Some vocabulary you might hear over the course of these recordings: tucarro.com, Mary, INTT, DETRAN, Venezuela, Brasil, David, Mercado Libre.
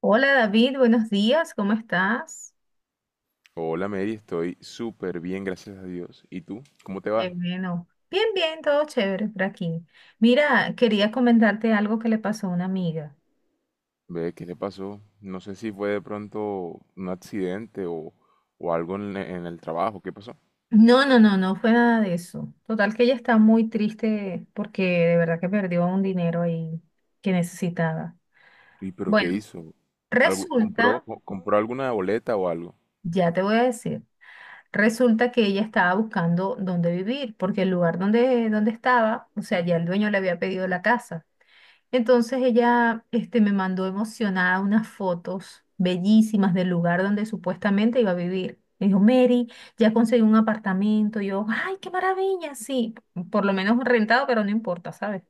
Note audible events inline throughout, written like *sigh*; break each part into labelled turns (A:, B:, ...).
A: Hola David, buenos días, ¿cómo estás?
B: Hola Mary, estoy súper bien, gracias a Dios. ¿Y tú? ¿Cómo te
A: Qué
B: va?
A: bueno. Bien, bien, todo chévere por aquí. Mira, quería comentarte algo que le pasó a una amiga.
B: Ve, ¿qué te pasó? No sé si fue de pronto un accidente o, o algo en el trabajo. ¿Qué pasó?
A: No, no, no, no fue nada de eso. Total que ella está muy triste porque de verdad que perdió un dinero ahí que necesitaba.
B: ¿Y pero qué
A: Bueno,
B: hizo? ¿Algo, compró,
A: resulta,
B: o- compró alguna boleta o algo?
A: ya te voy a decir, resulta que ella estaba buscando dónde vivir porque el lugar donde estaba, o sea, ya el dueño le había pedido la casa. Entonces ella este, me mandó emocionada unas fotos bellísimas del lugar donde supuestamente iba a vivir. Me dijo, Mary, ya conseguí un apartamento. Y yo, ay, qué maravilla, sí, por lo menos rentado, pero no importa, ¿sabes?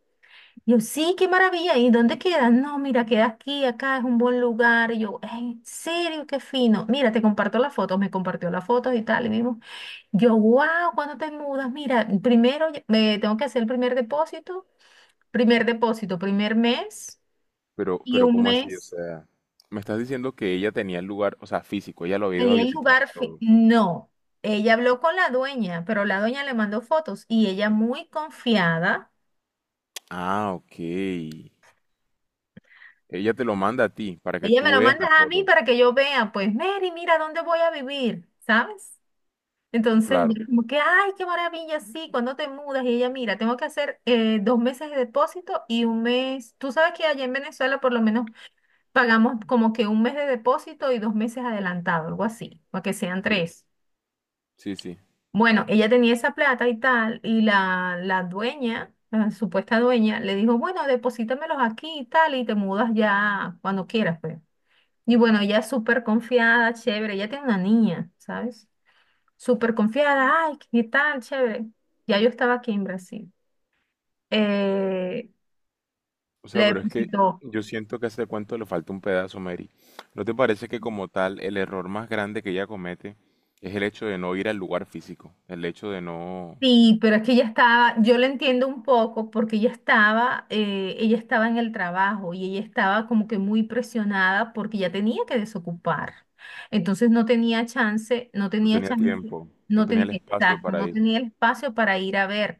A: Y yo, sí, qué maravilla. ¿Y dónde queda? No, mira, queda aquí, acá es un buen lugar. Y yo, "Ay, en serio, qué fino. Mira, te comparto las fotos, me compartió las fotos y tal. Y vimos, yo, wow, ¿cuándo te mudas? Mira, me tengo que hacer el primer depósito, primer mes.
B: Pero,
A: Y
B: pero
A: un
B: ¿cómo así? O
A: mes,
B: sea, me estás diciendo que ella tenía el lugar, o sea, físico, ella lo había
A: le
B: ido a
A: di el
B: visitar y
A: lugar, fi-
B: todo.
A: no, ella habló con la dueña, pero la dueña le mandó fotos y ella muy confiada,
B: Ah, ok. Ella te lo manda a ti para que
A: ella me
B: tú
A: lo
B: veas
A: manda
B: la
A: a mí
B: foto.
A: para que yo vea, pues Mary, mira dónde voy a vivir, ¿sabes? Entonces
B: Claro.
A: yo como que, ay, qué maravilla, sí, cuando te mudas y ella, mira, tengo que hacer dos meses de depósito y un mes, tú sabes que allá en Venezuela por lo menos pagamos como que un mes de depósito y dos meses adelantado, algo así, para que sean
B: Sí,
A: tres.
B: sí, sí.
A: Bueno, ella tenía esa plata y tal, y la dueña, la supuesta dueña, le dijo, bueno, deposítamelos aquí y tal, y te mudas ya cuando quieras, pues. Y bueno, ella súper confiada, chévere, ella tiene una niña, ¿sabes? Súper confiada, ay, qué tal, chévere. Ya yo estaba aquí en Brasil. Eh,
B: O
A: Le
B: sea, pero es que
A: depositó.
B: yo siento que a ese cuento le falta un pedazo, Mary. ¿No te parece que como tal el error más grande que ella comete es el hecho de no ir al lugar físico? El hecho de no...
A: Sí, pero es que ella estaba, yo la entiendo un poco porque ella estaba en el trabajo y ella estaba como que muy presionada porque ya tenía que desocupar. Entonces no tenía chance, no
B: No
A: tenía
B: tenía
A: chance,
B: tiempo, no
A: no
B: tenía
A: tenía,
B: el espacio
A: exacto,
B: para
A: no
B: ir.
A: tenía el espacio para ir a ver.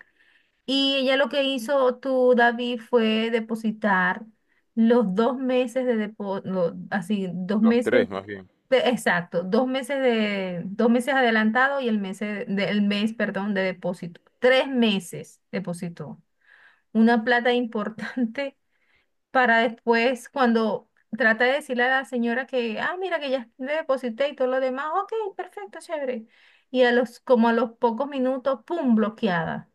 A: Y ella lo que hizo tú, David, fue depositar los dos meses de depósito, así,
B: Los tres, más bien.
A: exacto, dos meses adelantado y el mes, del mes, perdón, de depósito. Tres meses depositó. Una plata *laughs* importante para después, cuando trata de decirle a la señora que, ah, mira que ya le deposité y todo lo demás, ok, perfecto, chévere. Y a los, como a los pocos minutos, pum, bloqueada.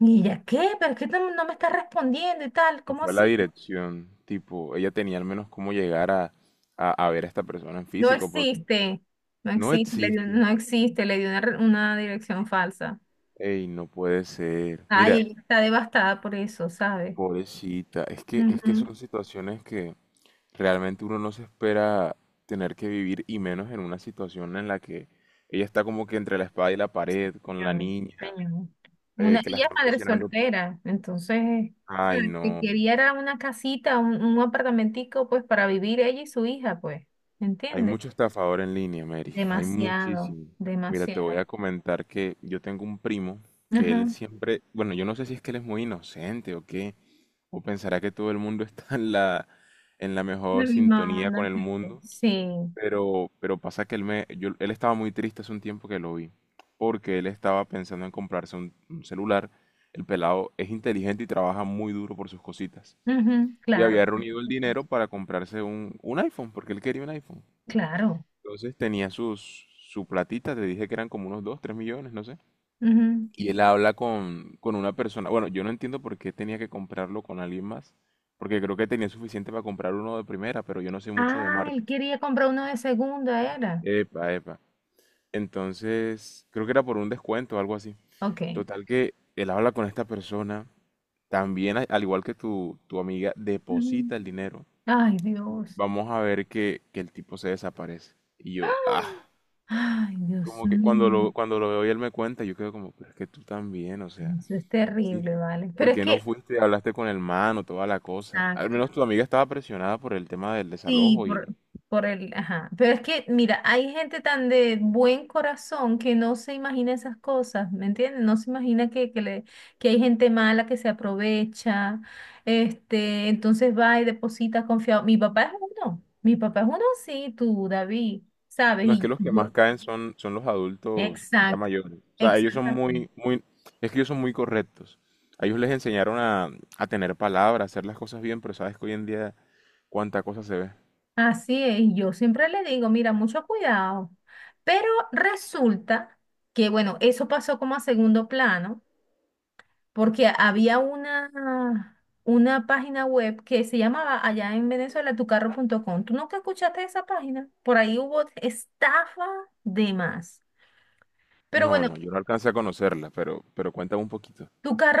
A: Y ella, ¿qué? ¿Pero es que no me está respondiendo y tal?
B: Y
A: ¿Cómo
B: fue la
A: así?
B: dirección, tipo, ella tenía al menos cómo llegar a, a ver a esta persona en
A: No
B: físico, porque
A: existe,
B: no existe.
A: no existe, le dio una, una dirección falsa.
B: Ey, no puede ser.
A: Ay,
B: Mira,
A: ella está devastada por eso, ¿sabes?
B: pobrecita, es que
A: Ujú.
B: son situaciones que... Realmente uno no se espera tener que vivir y menos en una situación en la que ella está como que entre la espada y la pared con la
A: Señor,
B: niña,
A: señor. Una,
B: que la
A: ella es
B: están
A: madre
B: presionando.
A: soltera, entonces,
B: Ay,
A: ¿sabes? Que
B: no.
A: quería era una casita, un apartamentico, pues, para vivir ella y su hija, pues,
B: Hay
A: ¿entiendes?
B: mucho estafador en línea, Mary. Hay
A: Demasiado,
B: muchísimo. Mira, te voy
A: demasiado.
B: a comentar que yo tengo un primo que él
A: Ajá.
B: siempre, bueno, yo no sé si es que él es muy inocente o qué, o pensará que todo el mundo *laughs* está en la
A: La
B: mejor
A: misma
B: sintonía con
A: onda.
B: el mundo.
A: Sí,
B: Pero pasa que él estaba muy triste hace un tiempo que lo vi, porque él estaba pensando en comprarse un celular. El pelado es inteligente y trabaja muy duro por sus cositas.
A: ujú,
B: Y
A: claro,
B: había reunido el dinero para comprarse un iPhone, porque él quería un iPhone.
A: claro.
B: Entonces tenía su platita. Te dije que eran como unos 2, 3 millones, no sé.
A: Ujú.
B: Y él habla con una persona. Bueno, yo no entiendo por qué tenía que comprarlo con alguien más, porque creo que tenía suficiente para comprar uno de primera, pero yo no sé mucho de
A: Ah, él
B: marcas.
A: quería comprar uno de segunda, era.
B: Epa, epa. Entonces, creo que era por un descuento o algo así.
A: Ok.
B: Total que él habla con esta persona, también al igual que tu amiga,
A: Ujú.
B: deposita el dinero.
A: Ay, Dios.
B: Vamos a ver que el tipo se desaparece. Y
A: ¡Ah!
B: yo, ah,
A: Ay, Dios
B: como
A: Mm.
B: que cuando lo,
A: mío,
B: cuando lo veo y él me cuenta, yo quedo como, pero es que tú también, o sea,
A: eso es
B: sí,
A: terrible, ¿vale?
B: ¿por
A: Pero es
B: qué no
A: que,
B: fuiste hablaste con el man o toda la cosa? Al
A: exacto,
B: menos tu amiga estaba presionada por el tema del
A: sí,
B: desalojo y
A: por el, ajá, pero es que, mira, hay gente tan de buen corazón que no se imagina esas cosas, ¿me entiendes? No se imagina que hay gente mala que se aprovecha, este, entonces va y deposita confiado. Mi papá es uno, mi papá es uno, sí, tú, David, ¿sabes?
B: no, es
A: Y
B: que los que más
A: yo,
B: caen son los adultos ya
A: exacto,
B: mayores. O sea, ellos son
A: exactamente.
B: muy, muy, es que ellos son muy correctos. A ellos les enseñaron a tener palabra, a hacer las cosas bien, pero sabes que hoy en día cuánta cosa se ve.
A: Así es, yo siempre le digo, mira, mucho cuidado. Pero resulta que, bueno, eso pasó como a segundo plano, porque había una página web que se llamaba allá en Venezuela tucarro.com. ¿Tú nunca escuchaste esa página? Por ahí hubo estafa de más. Pero
B: No,
A: bueno,
B: no, yo no alcancé a conocerla, pero cuéntame un poquito.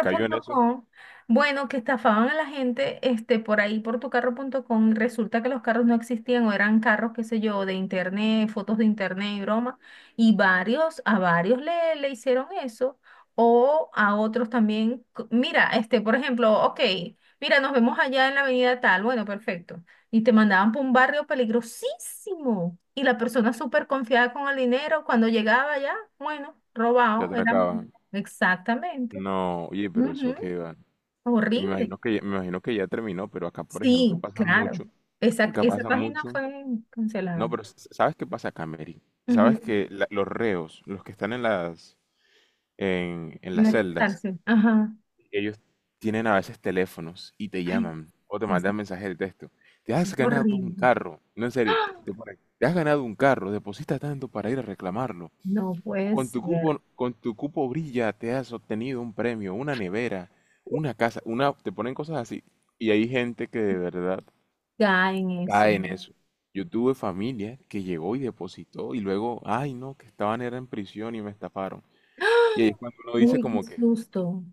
B: ¿Cayó en eso?
A: bueno, que estafaban a la gente este, por ahí por tucarro.com y resulta que los carros no existían o eran carros, qué sé yo, de internet, fotos de internet y broma. Y varios, a varios le hicieron eso o a otros también. Mira, este, por ejemplo, ok, mira, nos vemos allá en la avenida tal, bueno, perfecto. Y te mandaban por un barrio peligrosísimo y la persona súper confiada con el dinero, cuando llegaba allá, bueno,
B: ¿Te
A: robado, era...
B: atracaban?
A: Exactamente.
B: No, oye, pero
A: Ujú.
B: eso qué va. Y me
A: Horrible.
B: imagino que, me imagino que ya terminó, pero acá, por ejemplo,
A: Sí,
B: pasa
A: claro.
B: mucho.
A: Esa,
B: Acá
A: esa
B: pasa
A: página
B: mucho.
A: fue
B: No,
A: cancelada.
B: pero s- ¿sabes qué pasa acá, Mary?
A: Ujú.
B: ¿Sabes que los reos, los que están en las
A: La
B: celdas,
A: cárcel. Ajá.
B: ellos tienen a veces teléfonos y te
A: Ay,
B: llaman o te
A: Es,
B: mandan mensajes de texto? Te
A: es
B: has ganado un
A: horrible.
B: carro, no en serio,
A: ¡Ah!
B: te ponen, te has ganado un carro, deposita tanto para ir a reclamarlo.
A: No
B: O
A: puede
B: con tu
A: ser.
B: cupo, con tu cupo brilla, te has obtenido un premio, una nevera, una casa, una, te ponen cosas así. Y hay gente que de verdad
A: Ya en eso.
B: cae en eso. Yo tuve familia que llegó y depositó y luego, ay no, que estaban era en prisión y me estafaron. Y ahí
A: ¡Ah!
B: es cuando uno dice
A: Uy, qué
B: como que,
A: susto.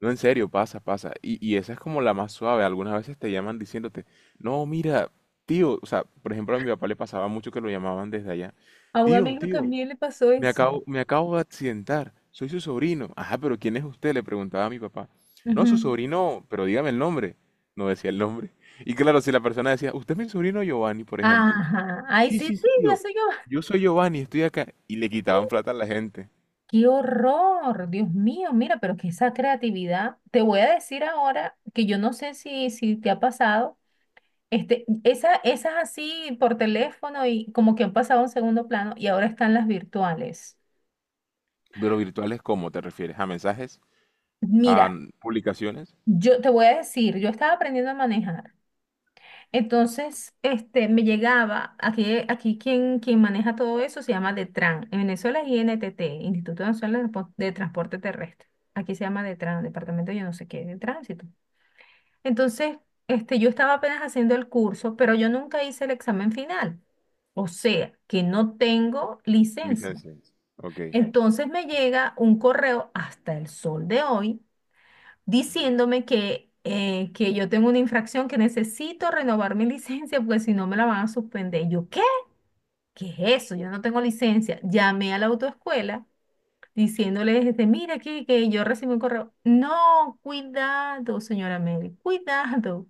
B: no, en serio, pasa, pasa. Y esa es como la más suave. Algunas veces te llaman diciéndote, no, mira, tío, o sea, por ejemplo, a mi papá le pasaba mucho que lo llamaban desde allá.
A: A un
B: Tío,
A: amigo
B: tío,
A: también le pasó
B: me
A: eso.
B: acabo, me acabo de accidentar. Soy su sobrino. Ajá, pero ¿quién es usted? Le preguntaba a mi papá. No, su
A: Ujú.
B: sobrino, pero dígame el nombre. No decía el nombre. *laughs* Y claro, si la persona decía, usted es mi sobrino Giovanni, por ejemplo.
A: Ajá. Ay,
B: Sí,
A: sí,
B: sí,
A: sí,
B: sí,
A: ya
B: tío.
A: sé yo.
B: Yo soy Giovanni, estoy acá. Y le quitaban
A: *laughs*
B: plata a la gente.
A: ¡Qué horror! Dios mío, mira, pero que esa creatividad. Te voy a decir ahora que yo no sé si te ha pasado. Este, esa, esas así por teléfono y como que han pasado a un segundo plano y ahora están las virtuales.
B: Pero virtuales, ¿cómo te refieres? ¿A mensajes? ¿A
A: Mira,
B: publicaciones?
A: yo te voy a decir, yo estaba aprendiendo a manejar. Entonces, este, me llegaba, aquí, aquí quien maneja todo eso se llama DETRAN. En Venezuela es INTT, Instituto Nacional de Transporte Terrestre. Aquí se llama DETRAN, Departamento yo no sé qué, de Tránsito. Entonces, este, yo estaba apenas haciendo el curso, pero yo nunca hice el examen final. O sea, que no tengo licencia.
B: Licencias. Ok.
A: Entonces me llega un correo hasta el sol de hoy diciéndome que yo tengo una infracción, que necesito renovar mi *laughs* licencia porque si no me la van a suspender. Y yo, ¿qué? ¿Qué es eso? Yo no tengo licencia. Llamé a la autoescuela diciéndoles, este, mira aquí que yo recibí un correo. No, cuidado, señora Mary, cuidado.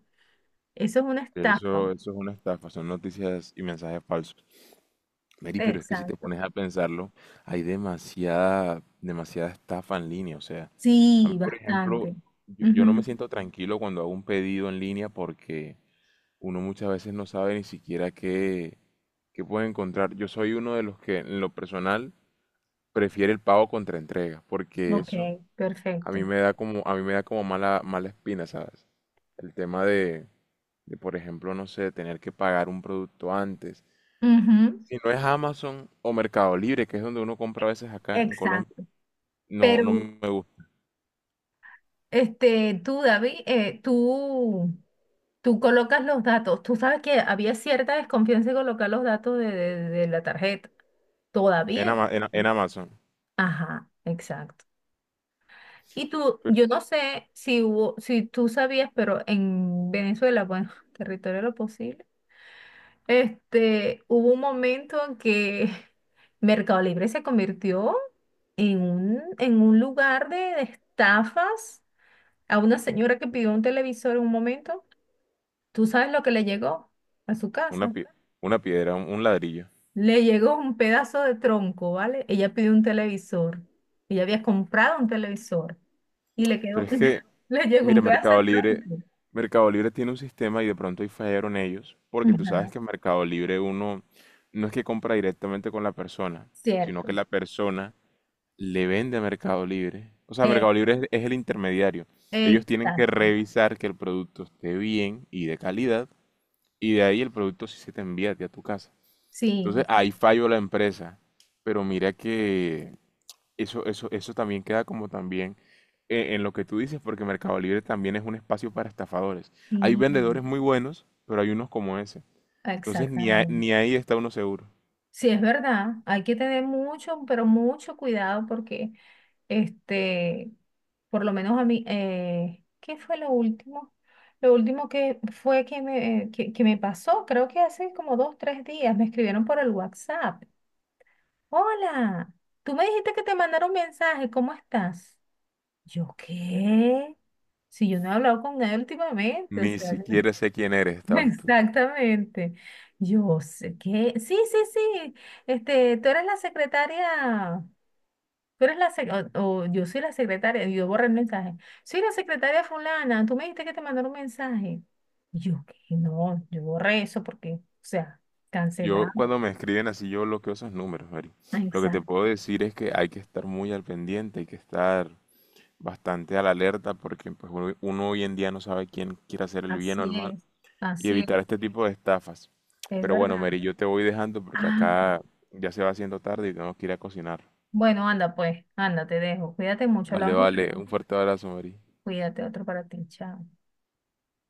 A: Eso es una estafa.
B: Eso es una estafa, son noticias y mensajes falsos. Mary, pero es que si te
A: Exacto.
B: pones a pensarlo, hay demasiada, demasiada estafa en línea. O sea, a mí,
A: Sí,
B: por ejemplo,
A: bastante.
B: yo no me
A: Ujú.
B: siento tranquilo cuando hago un pedido en línea porque uno muchas veces no sabe ni siquiera qué puede encontrar. Yo soy uno de los que, en lo personal, prefiere el pago contra entrega, porque
A: Ok,
B: eso a mí
A: perfecto.
B: me da como, a mí me da como mala, mala espina, ¿sabes? El tema de por ejemplo, no sé, tener que pagar un producto antes.
A: Ujú.
B: Si no es Amazon o Mercado Libre, que es donde uno compra a veces acá en Colombia,
A: Exacto.
B: no,
A: Pero
B: no me gusta.
A: este, tú, David, tú colocas los datos. Tú sabes que había cierta desconfianza en colocar los datos de la tarjeta.
B: En,
A: Todavía
B: Ama- en- en
A: existe.
B: Amazon,
A: Ajá, exacto. Y tú,
B: pero
A: yo no sé si hubo, si tú sabías, pero en Venezuela, bueno, *laughs* territorio de lo posible, este, hubo un momento en que *laughs* Mercado Libre se convirtió en un lugar de estafas a una señora que pidió un televisor en un momento, ¿tú sabes lo que le llegó a su
B: una,
A: casa?
B: pie- una piedra, un ladrillo.
A: Le llegó un pedazo de tronco, ¿vale? Ella pidió un televisor. Ella había comprado un televisor y le
B: Pero
A: quedó,
B: es que,
A: *laughs* le llegó
B: mira,
A: un pedazo de
B: Mercado Libre,
A: tronco.
B: Mercado Libre tiene un sistema y de pronto ahí fallaron ellos, porque tú sabes
A: Ajá,
B: que en Mercado Libre uno no es que compra directamente con la persona, sino que
A: cierto.
B: la persona le vende a Mercado Libre. O sea,
A: Eh,
B: Mercado Libre es el intermediario. Ellos tienen que
A: exacto.
B: revisar que el producto esté bien y de calidad, y de ahí el producto sí se te envía a ti a tu casa.
A: Sí,
B: Entonces, ahí falló la empresa. Pero mira que eso también queda como también en lo que tú dices, porque Mercado Libre también es un espacio para estafadores. Hay
A: sí,
B: vendedores muy buenos, pero hay unos como ese. Entonces, ni, a-
A: exactamente.
B: ni ahí está uno seguro.
A: Sí, es verdad. Hay que tener mucho, pero mucho cuidado porque este, por lo menos a mí, ¿qué fue lo último? Lo último que fue que me, que me pasó, creo que hace como dos, tres días, me escribieron por el WhatsApp. Hola, tú me dijiste que te mandaron un mensaje, ¿cómo estás? Yo, ¿qué? Si yo no he hablado con nadie últimamente, o
B: Ni
A: sea,
B: siquiera sé quién eres,
A: *laughs*
B: estabas tú.
A: exactamente. Yo sé que, sí, sí, sí, este, tú eres la secretaria. Tú eres la sec- o yo soy la secretaria, y yo borré el mensaje. Soy la secretaria fulana, tú me dijiste que te mandaron un mensaje. Y yo, que no, yo borré eso porque, o sea,
B: Yo
A: cancelado.
B: cuando me escriben así, yo bloqueo esos números, Mary.
A: Ah,
B: Lo que te puedo
A: exacto.
B: decir es que hay que estar muy al pendiente, hay que estar bastante a la alerta porque pues, uno hoy en día no sabe quién quiere hacer el bien o el
A: Así
B: mal
A: es,
B: y
A: así
B: evitar este tipo de estafas.
A: es
B: Pero bueno,
A: verdad.
B: Mary, yo te voy dejando porque
A: Ah, ok.
B: acá ya se va haciendo tarde y tenemos que ir a cocinar.
A: Bueno, anda pues, anda, te dejo. Cuídate mucho,
B: Vale,
A: hablamos
B: vale,
A: luego.
B: un fuerte abrazo, Mary.
A: Cuídate, otro para ti, chao.